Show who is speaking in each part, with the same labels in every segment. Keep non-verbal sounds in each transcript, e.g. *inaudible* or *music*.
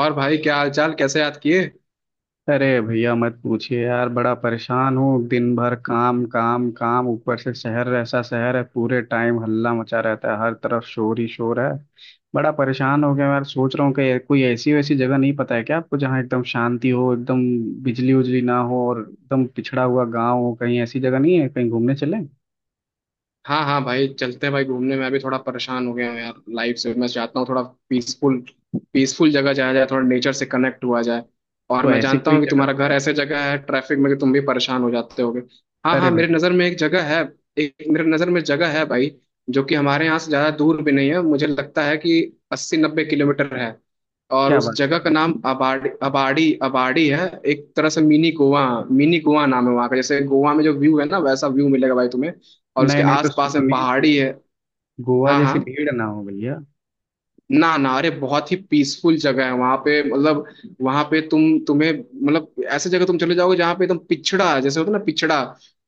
Speaker 1: और भाई, क्या हाल चाल? कैसे याद किए?
Speaker 2: अरे भैया मत पूछिए यार, बड़ा परेशान हूँ। दिन भर काम काम काम, ऊपर से शहर ऐसा शहर है, पूरे टाइम हल्ला मचा रहता है, हर तरफ शोर ही शोर है। बड़ा परेशान हो गया यार। सोच रहा हूँ कि कोई ऐसी वैसी जगह नहीं पता है क्या आपको, जहाँ एकदम शांति हो, एकदम बिजली उजली ना हो और एकदम पिछड़ा हुआ गाँव हो? कहीं ऐसी जगह नहीं है, कहीं घूमने चलें?
Speaker 1: हाँ हाँ भाई, चलते हैं भाई घूमने। मैं भी थोड़ा परेशान हो गया हूँ यार, लाइफ से। मैं चाहता हूँ थोड़ा पीसफुल पीसफुल जगह जाया जाए, थोड़ा नेचर से कनेक्ट हुआ जाए। और
Speaker 2: तो
Speaker 1: मैं
Speaker 2: ऐसी
Speaker 1: जानता
Speaker 2: कोई
Speaker 1: हूँ कि
Speaker 2: जगह
Speaker 1: तुम्हारा
Speaker 2: है?
Speaker 1: घर ऐसे जगह है ट्रैफिक में कि तुम भी परेशान हो जाते होगे। हाँ
Speaker 2: अरे
Speaker 1: हाँ, मेरे
Speaker 2: भैया!
Speaker 1: नज़र में एक जगह है। एक मेरे नज़र में जगह है भाई, जो कि हमारे यहाँ से ज़्यादा दूर भी नहीं है। मुझे लगता है कि 80-90 किलोमीटर है। और
Speaker 2: क्या
Speaker 1: उस
Speaker 2: बात
Speaker 1: जगह
Speaker 2: कर
Speaker 1: का
Speaker 2: रहे
Speaker 1: नाम अबाड़ी अबाड़ी अबाड़ी है, एक तरह से मिनी गोवा। मिनी गोवा नाम है वहाँ का। जैसे गोवा में जो व्यू है ना, वैसा व्यू मिलेगा भाई तुम्हें।
Speaker 2: हैं?
Speaker 1: और उसके
Speaker 2: नहीं नहीं, तो
Speaker 1: आसपास में
Speaker 2: सुनिए
Speaker 1: पहाड़ी
Speaker 2: सुनिए,
Speaker 1: है।
Speaker 2: गोवा
Speaker 1: हाँ हाँ।
Speaker 2: जैसी भीड़ ना हो भैया।
Speaker 1: ना ना, अरे बहुत ही पीसफुल जगह है वहां पे। मतलब वहां पे तुम्हें, मतलब ऐसे जगह तुम चले जाओगे जहाँ पे एकदम पिछड़ा जैसे होता है ना, पिछड़ा।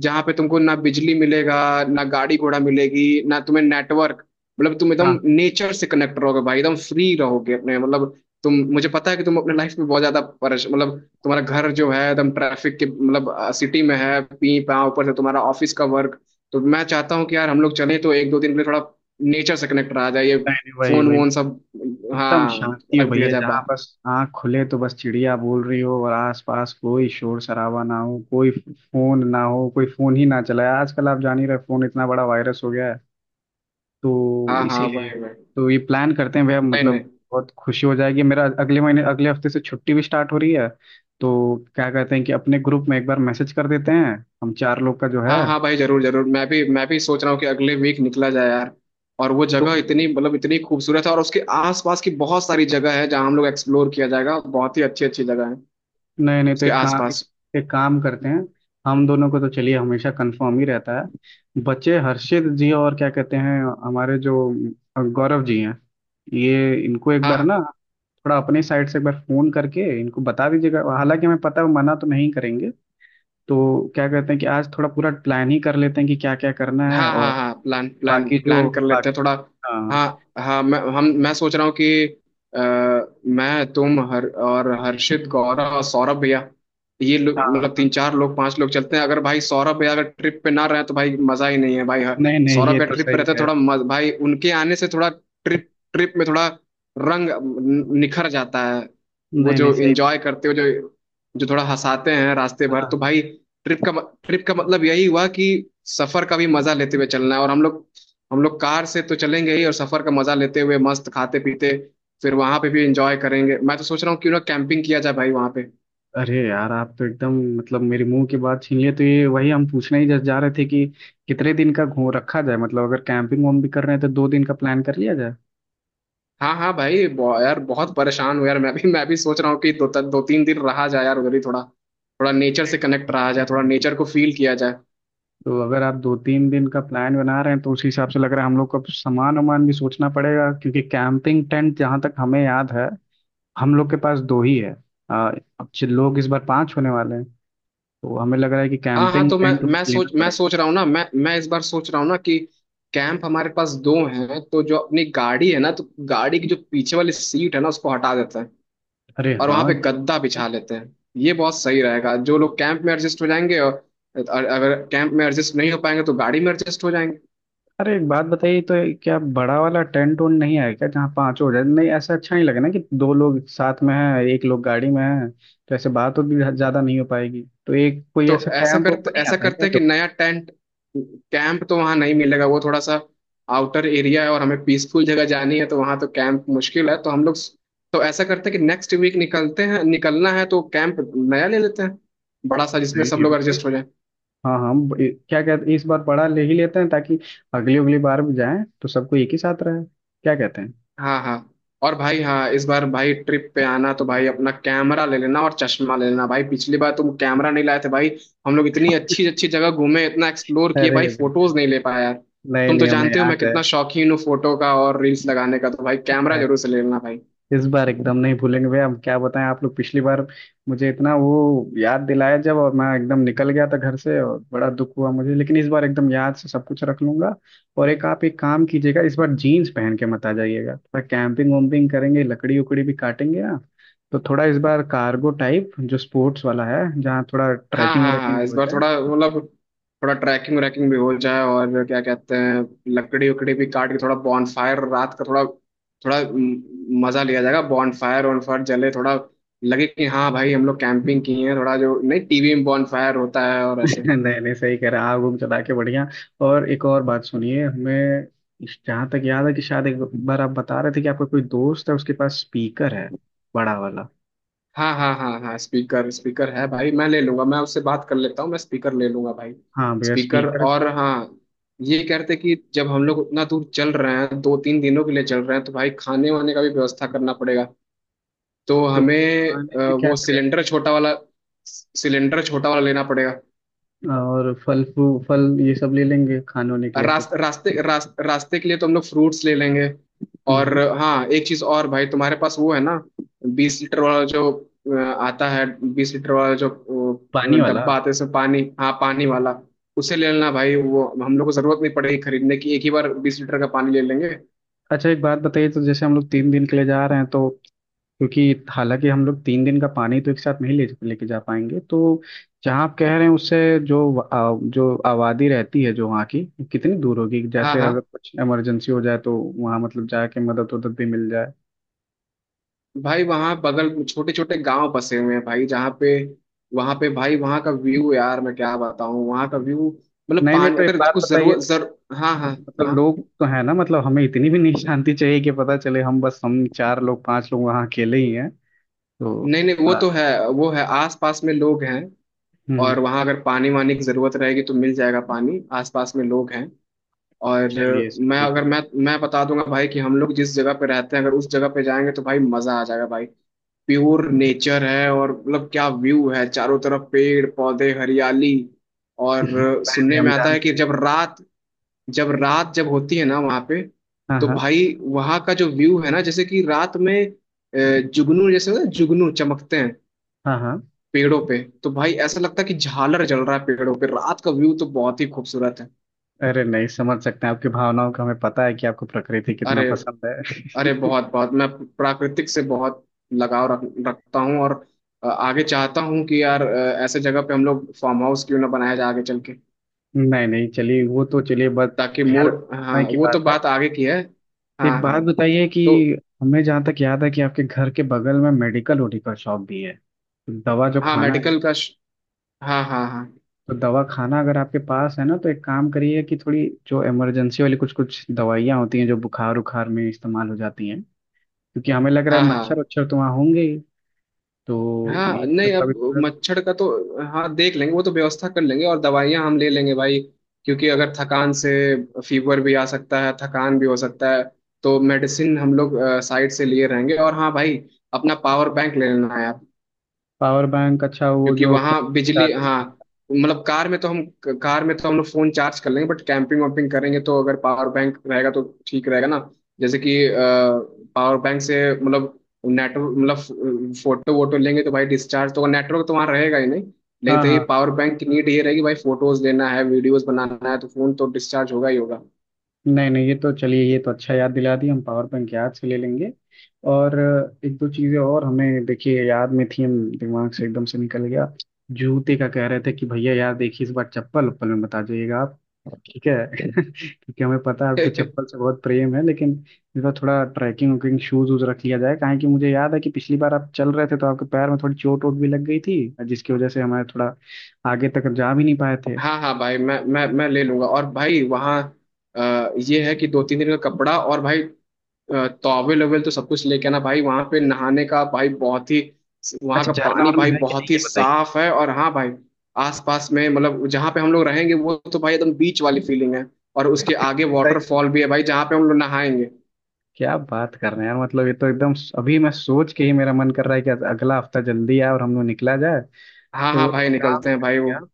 Speaker 1: जहाँ पे तुमको ना बिजली मिलेगा, ना गाड़ी घोड़ा मिलेगी, ना तुम्हें नेटवर्क। मतलब तुम एकदम
Speaker 2: हाँ।
Speaker 1: नेचर से कनेक्ट रहोगे भाई, एकदम फ्री रहोगे अपने। मतलब तुम, मुझे पता है कि तुम अपने लाइफ में बहुत ज्यादा परेश, मतलब तुम्हारा घर जो है एकदम ट्रैफिक के, मतलब सिटी में है, पी पा, ऊपर से तुम्हारा ऑफिस का वर्क। तो मैं चाहता हूँ कि यार हम लोग चलें तो एक दो दिन के लिए, थोड़ा नेचर से कनेक्ट रहा जाए। ये
Speaker 2: नहीं नहीं, वही
Speaker 1: फोन
Speaker 2: वही।
Speaker 1: वोन सब।
Speaker 2: एकदम
Speaker 1: हाँ,
Speaker 2: शांति हो
Speaker 1: रख दिया
Speaker 2: भैया,
Speaker 1: जाए
Speaker 2: जहाँ
Speaker 1: बाहर।
Speaker 2: बस आँख खुले तो बस चिड़िया बोल रही हो और आसपास कोई शोर शराबा ना हो, कोई फोन ना हो, कोई फोन ही ना चलाए। आजकल आप जान ही रहे, फोन इतना बड़ा वायरस हो गया है, तो
Speaker 1: हाँ हाँ
Speaker 2: इसीलिए।
Speaker 1: भाई भाई।
Speaker 2: तो ये प्लान करते हैं भैया,
Speaker 1: नहीं
Speaker 2: मतलब
Speaker 1: नहीं।
Speaker 2: बहुत खुशी हो जाएगी मेरा। अगले महीने अगले हफ्ते से छुट्टी भी स्टार्ट हो रही है, तो क्या कहते हैं कि अपने ग्रुप में एक बार मैसेज कर देते हैं, हम चार लोग का जो है।
Speaker 1: हाँ हाँ भाई, जरूर जरूर, मैं भी सोच रहा हूँ कि अगले वीक निकला जाए यार। और वो
Speaker 2: तो
Speaker 1: जगह इतनी, मतलब इतनी खूबसूरत है, और उसके आसपास की बहुत सारी जगह है जहाँ हम लोग एक्सप्लोर किया जाएगा। बहुत ही अच्छी अच्छी जगह है
Speaker 2: नहीं नहीं, तो
Speaker 1: उसके आसपास।
Speaker 2: एक काम करते हैं। हम दोनों को तो चलिए हमेशा कंफर्म ही रहता है, बच्चे हर्षित जी, और क्या कहते हैं, हमारे जो गौरव जी हैं, ये इनको एक बार ना
Speaker 1: हाँ
Speaker 2: थोड़ा अपने साइड से एक बार फोन करके इनको बता दीजिएगा, हालांकि हमें पता है वो मना तो नहीं करेंगे। तो क्या कहते हैं कि आज थोड़ा पूरा प्लान ही कर लेते हैं कि क्या क्या करना है,
Speaker 1: हाँ
Speaker 2: और
Speaker 1: हाँ हाँ, प्लान प्लान
Speaker 2: बाकी जो
Speaker 1: प्लान कर लेते हैं
Speaker 2: बाकी।
Speaker 1: थोड़ा।
Speaker 2: हाँ
Speaker 1: हाँ हाँ, मैं सोच रहा हूँ कि अ, मैं, तुम, हर और हर्षित, गौरव और सौरभ भैया, ये
Speaker 2: हाँ
Speaker 1: लोग,
Speaker 2: हाँ
Speaker 1: मतलब
Speaker 2: हाँ।
Speaker 1: तीन चार लोग, पांच लोग चलते हैं। अगर भाई सौरभ भैया अगर ट्रिप पे ना रहे तो भाई मजा ही नहीं है भाई। हाँ,
Speaker 2: नहीं नहीं,
Speaker 1: सौरभ
Speaker 2: ये
Speaker 1: भैया
Speaker 2: तो
Speaker 1: ट्रिप पे
Speaker 2: सही
Speaker 1: रहते हैं,
Speaker 2: है।
Speaker 1: थोड़ा मज, भाई उनके आने से थोड़ा ट्रिप ट्रिप में थोड़ा रंग निखर जाता है। वो
Speaker 2: नहीं नहीं
Speaker 1: जो
Speaker 2: सही।
Speaker 1: एंजॉय करते हो, जो जो थोड़ा हंसाते हैं रास्ते भर,
Speaker 2: हाँ।
Speaker 1: तो भाई, ट्रिप का ट्रिप का मतलब यही हुआ कि सफर का भी मजा लेते हुए चलना है। और हम लोग कार से तो चलेंगे ही, और सफर का मजा लेते हुए मस्त खाते पीते, फिर वहां पे भी एंजॉय करेंगे। मैं तो सोच रहा हूँ क्यों ना कैंपिंग किया जाए भाई वहां पे।
Speaker 2: अरे यार, आप तो एकदम मतलब मेरे मुंह की बात छीन लिए, तो ये वही हम पूछने ही जस्ट जा रहे थे कि कितने दिन का घूम रखा जाए, मतलब अगर कैंपिंग वम भी कर रहे हैं तो दो दिन का प्लान कर लिया जाए।
Speaker 1: हाँ हाँ भाई, यार बहुत परेशान हूँ यार। मैं भी सोच रहा हूँ कि दो दो तीन दिन रहा जाए यार उधर ही, थोड़ा थोड़ा नेचर से कनेक्ट रहा जाए, थोड़ा नेचर को फील किया जाए।
Speaker 2: तो अगर आप दो तीन दिन का प्लान बना रहे हैं, तो उस हिसाब से लग रहा है हम लोग को अब सामान वामान भी सोचना पड़ेगा, क्योंकि कैंपिंग टेंट जहाँ तक हमें याद है, हम लोग के पास दो ही है। आ, अब जो लोग इस बार पांच होने वाले हैं, तो हमें लग रहा है कि
Speaker 1: हाँ हाँ,
Speaker 2: कैंपिंग
Speaker 1: तो
Speaker 2: टेंट लेना
Speaker 1: मैं
Speaker 2: पड़ेगा।
Speaker 1: सोच रहा हूँ ना, मैं इस बार सोच रहा हूँ ना कि कैंप हमारे पास दो हैं, तो जो अपनी गाड़ी है ना, तो गाड़ी की जो पीछे वाली सीट है ना, उसको हटा देते हैं
Speaker 2: अरे
Speaker 1: और वहां
Speaker 2: हाँ,
Speaker 1: पे
Speaker 2: ये भी।
Speaker 1: गद्दा बिछा लेते हैं। ये बहुत सही रहेगा। जो लोग कैंप में एडजस्ट हो जाएंगे, और अगर कैंप में एडजस्ट नहीं हो पाएंगे तो गाड़ी में एडजस्ट हो जाएंगे।
Speaker 2: अरे एक बात बताइए, तो ये क्या बड़ा वाला टेंट उंट नहीं है क्या जहाँ पांच हो जाए? नहीं ऐसा अच्छा नहीं लगेगा ना, कि दो लोग साथ में हैं एक लोग गाड़ी में है, तो ऐसे बात तो भी ज्यादा नहीं हो पाएगी। तो एक कोई
Speaker 1: तो
Speaker 2: ऐसा कैंप वैम्प नहीं
Speaker 1: ऐसा
Speaker 2: आता है क्या
Speaker 1: करते हैं कि
Speaker 2: जब?
Speaker 1: नया टेंट, कैंप तो वहां नहीं मिलेगा, वो थोड़ा सा आउटर एरिया है और हमें पीसफुल जगह जानी है, तो वहां तो कैंप मुश्किल है, तो हम लोग, तो ऐसा करते हैं कि नेक्स्ट वीक निकलते हैं, निकलना है तो कैंप नया ले लेते हैं बड़ा सा जिसमें
Speaker 2: नहीं,
Speaker 1: सब
Speaker 2: ये भी
Speaker 1: लोग
Speaker 2: सही।
Speaker 1: एडजस्ट हो जाए।
Speaker 2: हाँ हाँ, क्या कहते हैं, इस बार बड़ा ले ही लेते हैं ताकि अगली अगली बार भी जाएं तो सबको एक ही साथ रहे। क्या कहते हैं?
Speaker 1: हाँ हाँ। और भाई, हाँ, इस बार भाई ट्रिप पे आना तो भाई अपना कैमरा ले लेना और चश्मा ले लेना भाई। पिछली बार तुम कैमरा नहीं लाए थे भाई। हम लोग इतनी अच्छी अच्छी जगह घूमे, इतना एक्सप्लोर किए
Speaker 2: अरे
Speaker 1: भाई,
Speaker 2: भैया,
Speaker 1: फोटोज नहीं ले पाया यार।
Speaker 2: नहीं
Speaker 1: तुम तो
Speaker 2: नहीं हमें
Speaker 1: जानते हो मैं
Speaker 2: याद है।
Speaker 1: कितना शौकीन हूँ फोटो का और रील्स लगाने का, तो भाई कैमरा जरूर से ले लेना भाई।
Speaker 2: इस बार एकदम नहीं भूलेंगे भैया। हम क्या बताएं, आप लोग पिछली बार मुझे इतना वो याद दिलाया जब, और मैं एकदम निकल गया था घर से, और बड़ा दुख हुआ मुझे, लेकिन इस बार एकदम याद से सब कुछ रख लूंगा। और एक आप एक काम कीजिएगा, इस बार जीन्स पहन के मत आ जाइएगा। थोड़ा कैंपिंग वैम्पिंग करेंगे, लकड़ी उकड़ी भी काटेंगे ना, तो थोड़ा इस बार कार्गो टाइप जो स्पोर्ट्स वाला है, जहाँ थोड़ा
Speaker 1: हाँ
Speaker 2: ट्रैकिंग
Speaker 1: हाँ
Speaker 2: व्रैकिंग
Speaker 1: हाँ,
Speaker 2: भी
Speaker 1: इस
Speaker 2: हो
Speaker 1: बार
Speaker 2: जाए।
Speaker 1: थोड़ा, मतलब थोड़ा ट्रैकिंग व्रैकिंग भी हो जाए, और क्या कहते हैं, लकड़ी उकड़ी भी काट के थोड़ा बॉनफायर, रात का थोड़ा थोड़ा मजा लिया जाएगा, बॉनफायर वॉनफायर जले, थोड़ा लगे कि हाँ भाई हम लोग कैंपिंग किए हैं, थोड़ा जो नहीं टीवी में बॉनफायर होता है, और ऐसे।
Speaker 2: नहीं नहीं सही कह रहे हैं, आग उग जला के बढ़िया। और एक और बात सुनिए, हमें जहाँ तक याद है कि शायद एक बार आप बता रहे थे कि आपका कोई दोस्त है, उसके पास स्पीकर है बड़ा वाला।
Speaker 1: हाँ हाँ हाँ हाँ, स्पीकर स्पीकर है भाई, मैं ले लूंगा। मैं उससे बात कर लेता हूँ, मैं स्पीकर ले लूंगा भाई।
Speaker 2: हाँ भैया,
Speaker 1: स्पीकर।
Speaker 2: स्पीकर।
Speaker 1: और हाँ, ये कहते कि जब हम लोग उतना दूर चल रहे हैं, 2-3 दिनों के लिए चल रहे हैं, तो भाई खाने वाने का भी व्यवस्था करना पड़ेगा। तो
Speaker 2: तो
Speaker 1: हमें
Speaker 2: खाने में क्या
Speaker 1: वो
Speaker 2: करें?
Speaker 1: सिलेंडर छोटा वाला लेना पड़ेगा।
Speaker 2: और फल ये सब ले लेंगे खाने होने के लिए से, तो।
Speaker 1: रास्ते के लिए तो हम लोग फ्रूट्स ले लेंगे।
Speaker 2: हम्म,
Speaker 1: और
Speaker 2: हम्म।
Speaker 1: हाँ, एक चीज और भाई, तुम्हारे पास वो है ना, 20 लीटर वाला जो अ, आता है, बीस लीटर वाला जो
Speaker 2: पानी वाला।
Speaker 1: डब्बा आता है, इसमें पानी, हाँ पानी वाला। उसे ले लेना भाई, वो हम लोग को जरूरत नहीं पड़ेगी खरीदने की, एक ही बार 20 लीटर का पानी ले लेंगे।
Speaker 2: अच्छा एक बात बताइए, तो जैसे हम लोग तीन दिन के लिए जा रहे हैं, तो क्योंकि हालांकि हम लोग तीन दिन का पानी तो एक साथ नहीं ले लेके जा पाएंगे, तो जहाँ आप कह रहे हैं उससे जो आबादी रहती है जो वहाँ की, कितनी दूर होगी?
Speaker 1: हाँ
Speaker 2: जैसे अगर
Speaker 1: हाँ
Speaker 2: कुछ इमरजेंसी हो जाए तो वहाँ मतलब जाके मदद उदद भी मिल जाए।
Speaker 1: भाई, वहाँ बगल छोटे छोटे गांव बसे हुए हैं भाई, जहाँ पे, वहाँ पे भाई, वहाँ का व्यू यार, मैं क्या बताऊँ, वहाँ का व्यू, मतलब
Speaker 2: नहीं नहीं,
Speaker 1: पानी
Speaker 2: तो एक
Speaker 1: अगर
Speaker 2: बात
Speaker 1: कुछ
Speaker 2: बताइए,
Speaker 1: जरूरत जर। हाँ हाँ
Speaker 2: मतलब
Speaker 1: हाँ।
Speaker 2: लोग तो है ना, मतलब हमें इतनी भी नहीं शांति चाहिए कि पता चले हम बस हम चार लोग पांच लोग वहाँ अकेले ही हैं, तो
Speaker 1: नहीं नहीं, वो
Speaker 2: थोड़ा।
Speaker 1: तो है, वो है आस पास में लोग हैं।
Speaker 2: हम्म।
Speaker 1: और वहाँ अगर पानी वानी की जरूरत रहेगी तो मिल जाएगा पानी, आस पास में लोग हैं। और
Speaker 2: चलिए
Speaker 1: मैं,
Speaker 2: सही है फिर।
Speaker 1: अगर मैं बता दूंगा भाई कि हम लोग जिस जगह पे रहते हैं, अगर उस जगह पे जाएंगे तो भाई मजा आ जाएगा भाई। प्योर नेचर है, और मतलब क्या व्यू है, चारों तरफ पेड़ पौधे, हरियाली। और
Speaker 2: *laughs* पहले
Speaker 1: सुनने
Speaker 2: हम
Speaker 1: में आता
Speaker 2: जान
Speaker 1: है कि
Speaker 2: रहे हैं।
Speaker 1: जब रात जब रात जब होती है ना वहाँ पे,
Speaker 2: हाँ
Speaker 1: तो
Speaker 2: हाँ
Speaker 1: भाई वहाँ का जो व्यू है ना, जैसे कि रात में जुगनू जैसे होता है, जुगनू चमकते हैं
Speaker 2: हाँ हाँ।
Speaker 1: पेड़ों पे, तो भाई ऐसा लगता है कि झालर जल रहा है पेड़ों पे। रात का व्यू तो बहुत ही खूबसूरत है।
Speaker 2: अरे नहीं, समझ सकते हैं आपकी भावनाओं का, हमें पता है कि आपको प्रकृति कितना
Speaker 1: अरे,
Speaker 2: पसंद है। *laughs*
Speaker 1: अरे बहुत बहुत, मैं प्राकृतिक से बहुत लगाव रखता हूँ। और आगे चाहता हूँ कि यार, ऐसे जगह पे हम लोग फार्म हाउस क्यों ना बनाया जाए आगे चल के,
Speaker 2: नहीं नहीं चलिए, वो तो चलिए बस,
Speaker 1: ताकि
Speaker 2: खैर
Speaker 1: मूड। हाँ,
Speaker 2: समय की
Speaker 1: वो तो
Speaker 2: बात है।
Speaker 1: बात आगे की है। हाँ
Speaker 2: एक
Speaker 1: हाँ,
Speaker 2: बात बताइए कि
Speaker 1: तो
Speaker 2: हमें जहाँ तक याद है कि आपके घर के बगल में मेडिकल ओडिकल शॉप भी है, तो दवा जो
Speaker 1: हाँ,
Speaker 2: खाना है,
Speaker 1: मेडिकल का हाँ हाँ हाँ
Speaker 2: तो दवा खाना अगर आपके पास है ना, तो एक काम करिए कि थोड़ी जो इमरजेंसी वाली कुछ कुछ दवाइयाँ होती हैं जो बुखार उखार में इस्तेमाल हो जाती हैं, क्योंकि हमें लग रहा
Speaker 1: हाँ
Speaker 2: है मच्छर
Speaker 1: हाँ
Speaker 2: वच्छर तो वहाँ होंगे ही। तो
Speaker 1: हाँ,
Speaker 2: इन
Speaker 1: नहीं
Speaker 2: सब का भी
Speaker 1: अब
Speaker 2: थोड़ा।
Speaker 1: मच्छर का तो हाँ देख लेंगे, वो तो व्यवस्था कर लेंगे। और दवाइयाँ हम ले लेंगे भाई, क्योंकि अगर थकान से फीवर भी आ सकता है, थकान भी हो सकता है। तो मेडिसिन हम लोग साइड से लिए रहेंगे। और हाँ भाई, अपना पावर बैंक ले लेना है,
Speaker 2: पावर बैंक, अच्छा वो
Speaker 1: क्योंकि
Speaker 2: जो फोन
Speaker 1: वहाँ बिजली,
Speaker 2: चार्ज
Speaker 1: हाँ,
Speaker 2: करना।
Speaker 1: मतलब कार में तो हम लोग फोन चार्ज कर लेंगे, बट कैंपिंग वैम्पिंग करेंगे तो अगर पावर बैंक रहेगा तो ठीक रहेगा ना। जैसे कि पावर बैंक से, मतलब नेटवर्क, मतलब फोटो वोटो लेंगे तो भाई डिस्चार्ज, तो नेटवर्क तो वहाँ रहेगा ही नहीं, लेकिन
Speaker 2: हाँ
Speaker 1: तो ये
Speaker 2: हाँ।
Speaker 1: पावर बैंक की नीड ये रहेगी भाई, फोटोज लेना है, वीडियोज बनाना है, तो फोन तो डिस्चार्ज होगा ही होगा।
Speaker 2: नहीं नहीं, ये तो चलिए, ये तो अच्छा याद दिला दी, हम पावर बैंक याद से ले लेंगे। और एक दो चीज़ें और हमें देखिए याद में थी, हम दिमाग से एकदम से निकल गया। जूते का कह रहे थे कि भैया यार देखिए, इस बार चप्पल उप्पल में बता जाइएगा आप, ठीक है। *laughs* क्योंकि हमें पता है आपको चप्पल से
Speaker 1: *laughs*
Speaker 2: बहुत प्रेम है, लेकिन इस बार थोड़ा ट्रैकिंग वैकिंग शूज वूज रख लिया जाए, काहे कि मुझे याद है कि पिछली बार आप चल रहे थे तो आपके पैर में थोड़ी चोट वोट भी लग गई थी, जिसकी वजह से हमारे थोड़ा आगे तक जा भी नहीं पाए थे।
Speaker 1: हाँ हाँ भाई, मैं ले लूंगा। और भाई वहाँ ये है कि 2-3 दिन का कपड़ा, और भाई टॉवेल वेल तो सब कुछ लेके आना भाई। वहां पे नहाने का भाई, बहुत ही वहां
Speaker 2: अच्छा
Speaker 1: का
Speaker 2: झरना
Speaker 1: पानी भाई
Speaker 2: वरना है कि नहीं,
Speaker 1: बहुत ही
Speaker 2: ये बताइए।
Speaker 1: साफ है। और हाँ भाई, आसपास में, मतलब जहाँ पे हम लोग रहेंगे वो तो भाई एकदम बीच वाली फीलिंग है, और उसके आगे वाटरफॉल भी है भाई, जहाँ पे हम लोग नहाएंगे।
Speaker 2: क्या बात कर रहे हैं यार! मतलब ये तो एकदम, अभी मैं सोच के ही मेरा मन कर रहा है कि अगला हफ्ता जल्दी आए और हम लोग निकला जाए।
Speaker 1: हाँ
Speaker 2: तो
Speaker 1: हाँ
Speaker 2: एक
Speaker 1: भाई,
Speaker 2: काम
Speaker 1: निकलते हैं भाई,
Speaker 2: करिए
Speaker 1: वो।
Speaker 2: आप,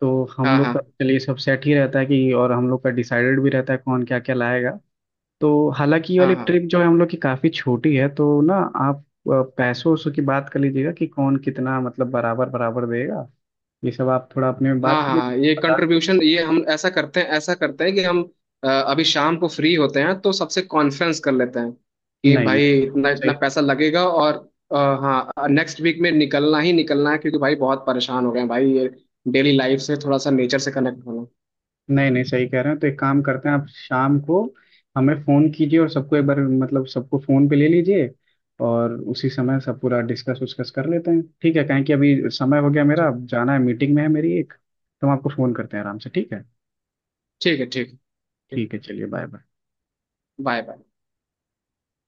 Speaker 2: तो हम
Speaker 1: हाँ
Speaker 2: लोग का
Speaker 1: हाँ
Speaker 2: चलिए सब सेट ही रहता है कि, और हम लोग का डिसाइडेड भी रहता है कौन क्या क्या लाएगा, तो हालांकि ये
Speaker 1: हाँ
Speaker 2: वाली
Speaker 1: हाँ
Speaker 2: ट्रिप जो है हम लोग की काफ़ी छोटी है तो ना, आप पैसों वैसों की बात कर लीजिएगा कि कौन कितना मतलब बराबर बराबर देगा, ये सब आप थोड़ा अपने में
Speaker 1: हाँ
Speaker 2: बात कर
Speaker 1: हाँ, हाँ, ये
Speaker 2: लीजिए, बता दीजिए।
Speaker 1: कंट्रीब्यूशन, ये हम, ऐसा करते हैं कि हम अभी शाम को फ्री होते हैं तो सबसे कॉन्फ्रेंस कर लेते हैं कि
Speaker 2: नहीं
Speaker 1: भाई
Speaker 2: ये तो एकदम
Speaker 1: इतना
Speaker 2: सही।
Speaker 1: इतना पैसा लगेगा, और हाँ, नेक्स्ट वीक में निकलना ही निकलना है, क्योंकि भाई बहुत परेशान हो गए हैं भाई, ये डेली लाइफ से, थोड़ा सा नेचर से कनेक्ट होना।
Speaker 2: नहीं नहीं सही कह रहे हैं, तो एक काम करते हैं, आप शाम को हमें फ़ोन कीजिए और सबको एक बार मतलब सबको फ़ोन पे ले लीजिए, और उसी समय सब पूरा डिस्कस उस्कस कर लेते हैं, ठीक है? कहें कि अभी समय हो गया मेरा,
Speaker 1: ठीक,
Speaker 2: अब जाना है मीटिंग में है मेरी एक, तो हम आपको फ़ोन करते हैं आराम से, ठीक है?
Speaker 1: ठीक है। ठीक है।
Speaker 2: ठीक है, चलिए बाय बाय।
Speaker 1: Bye bye.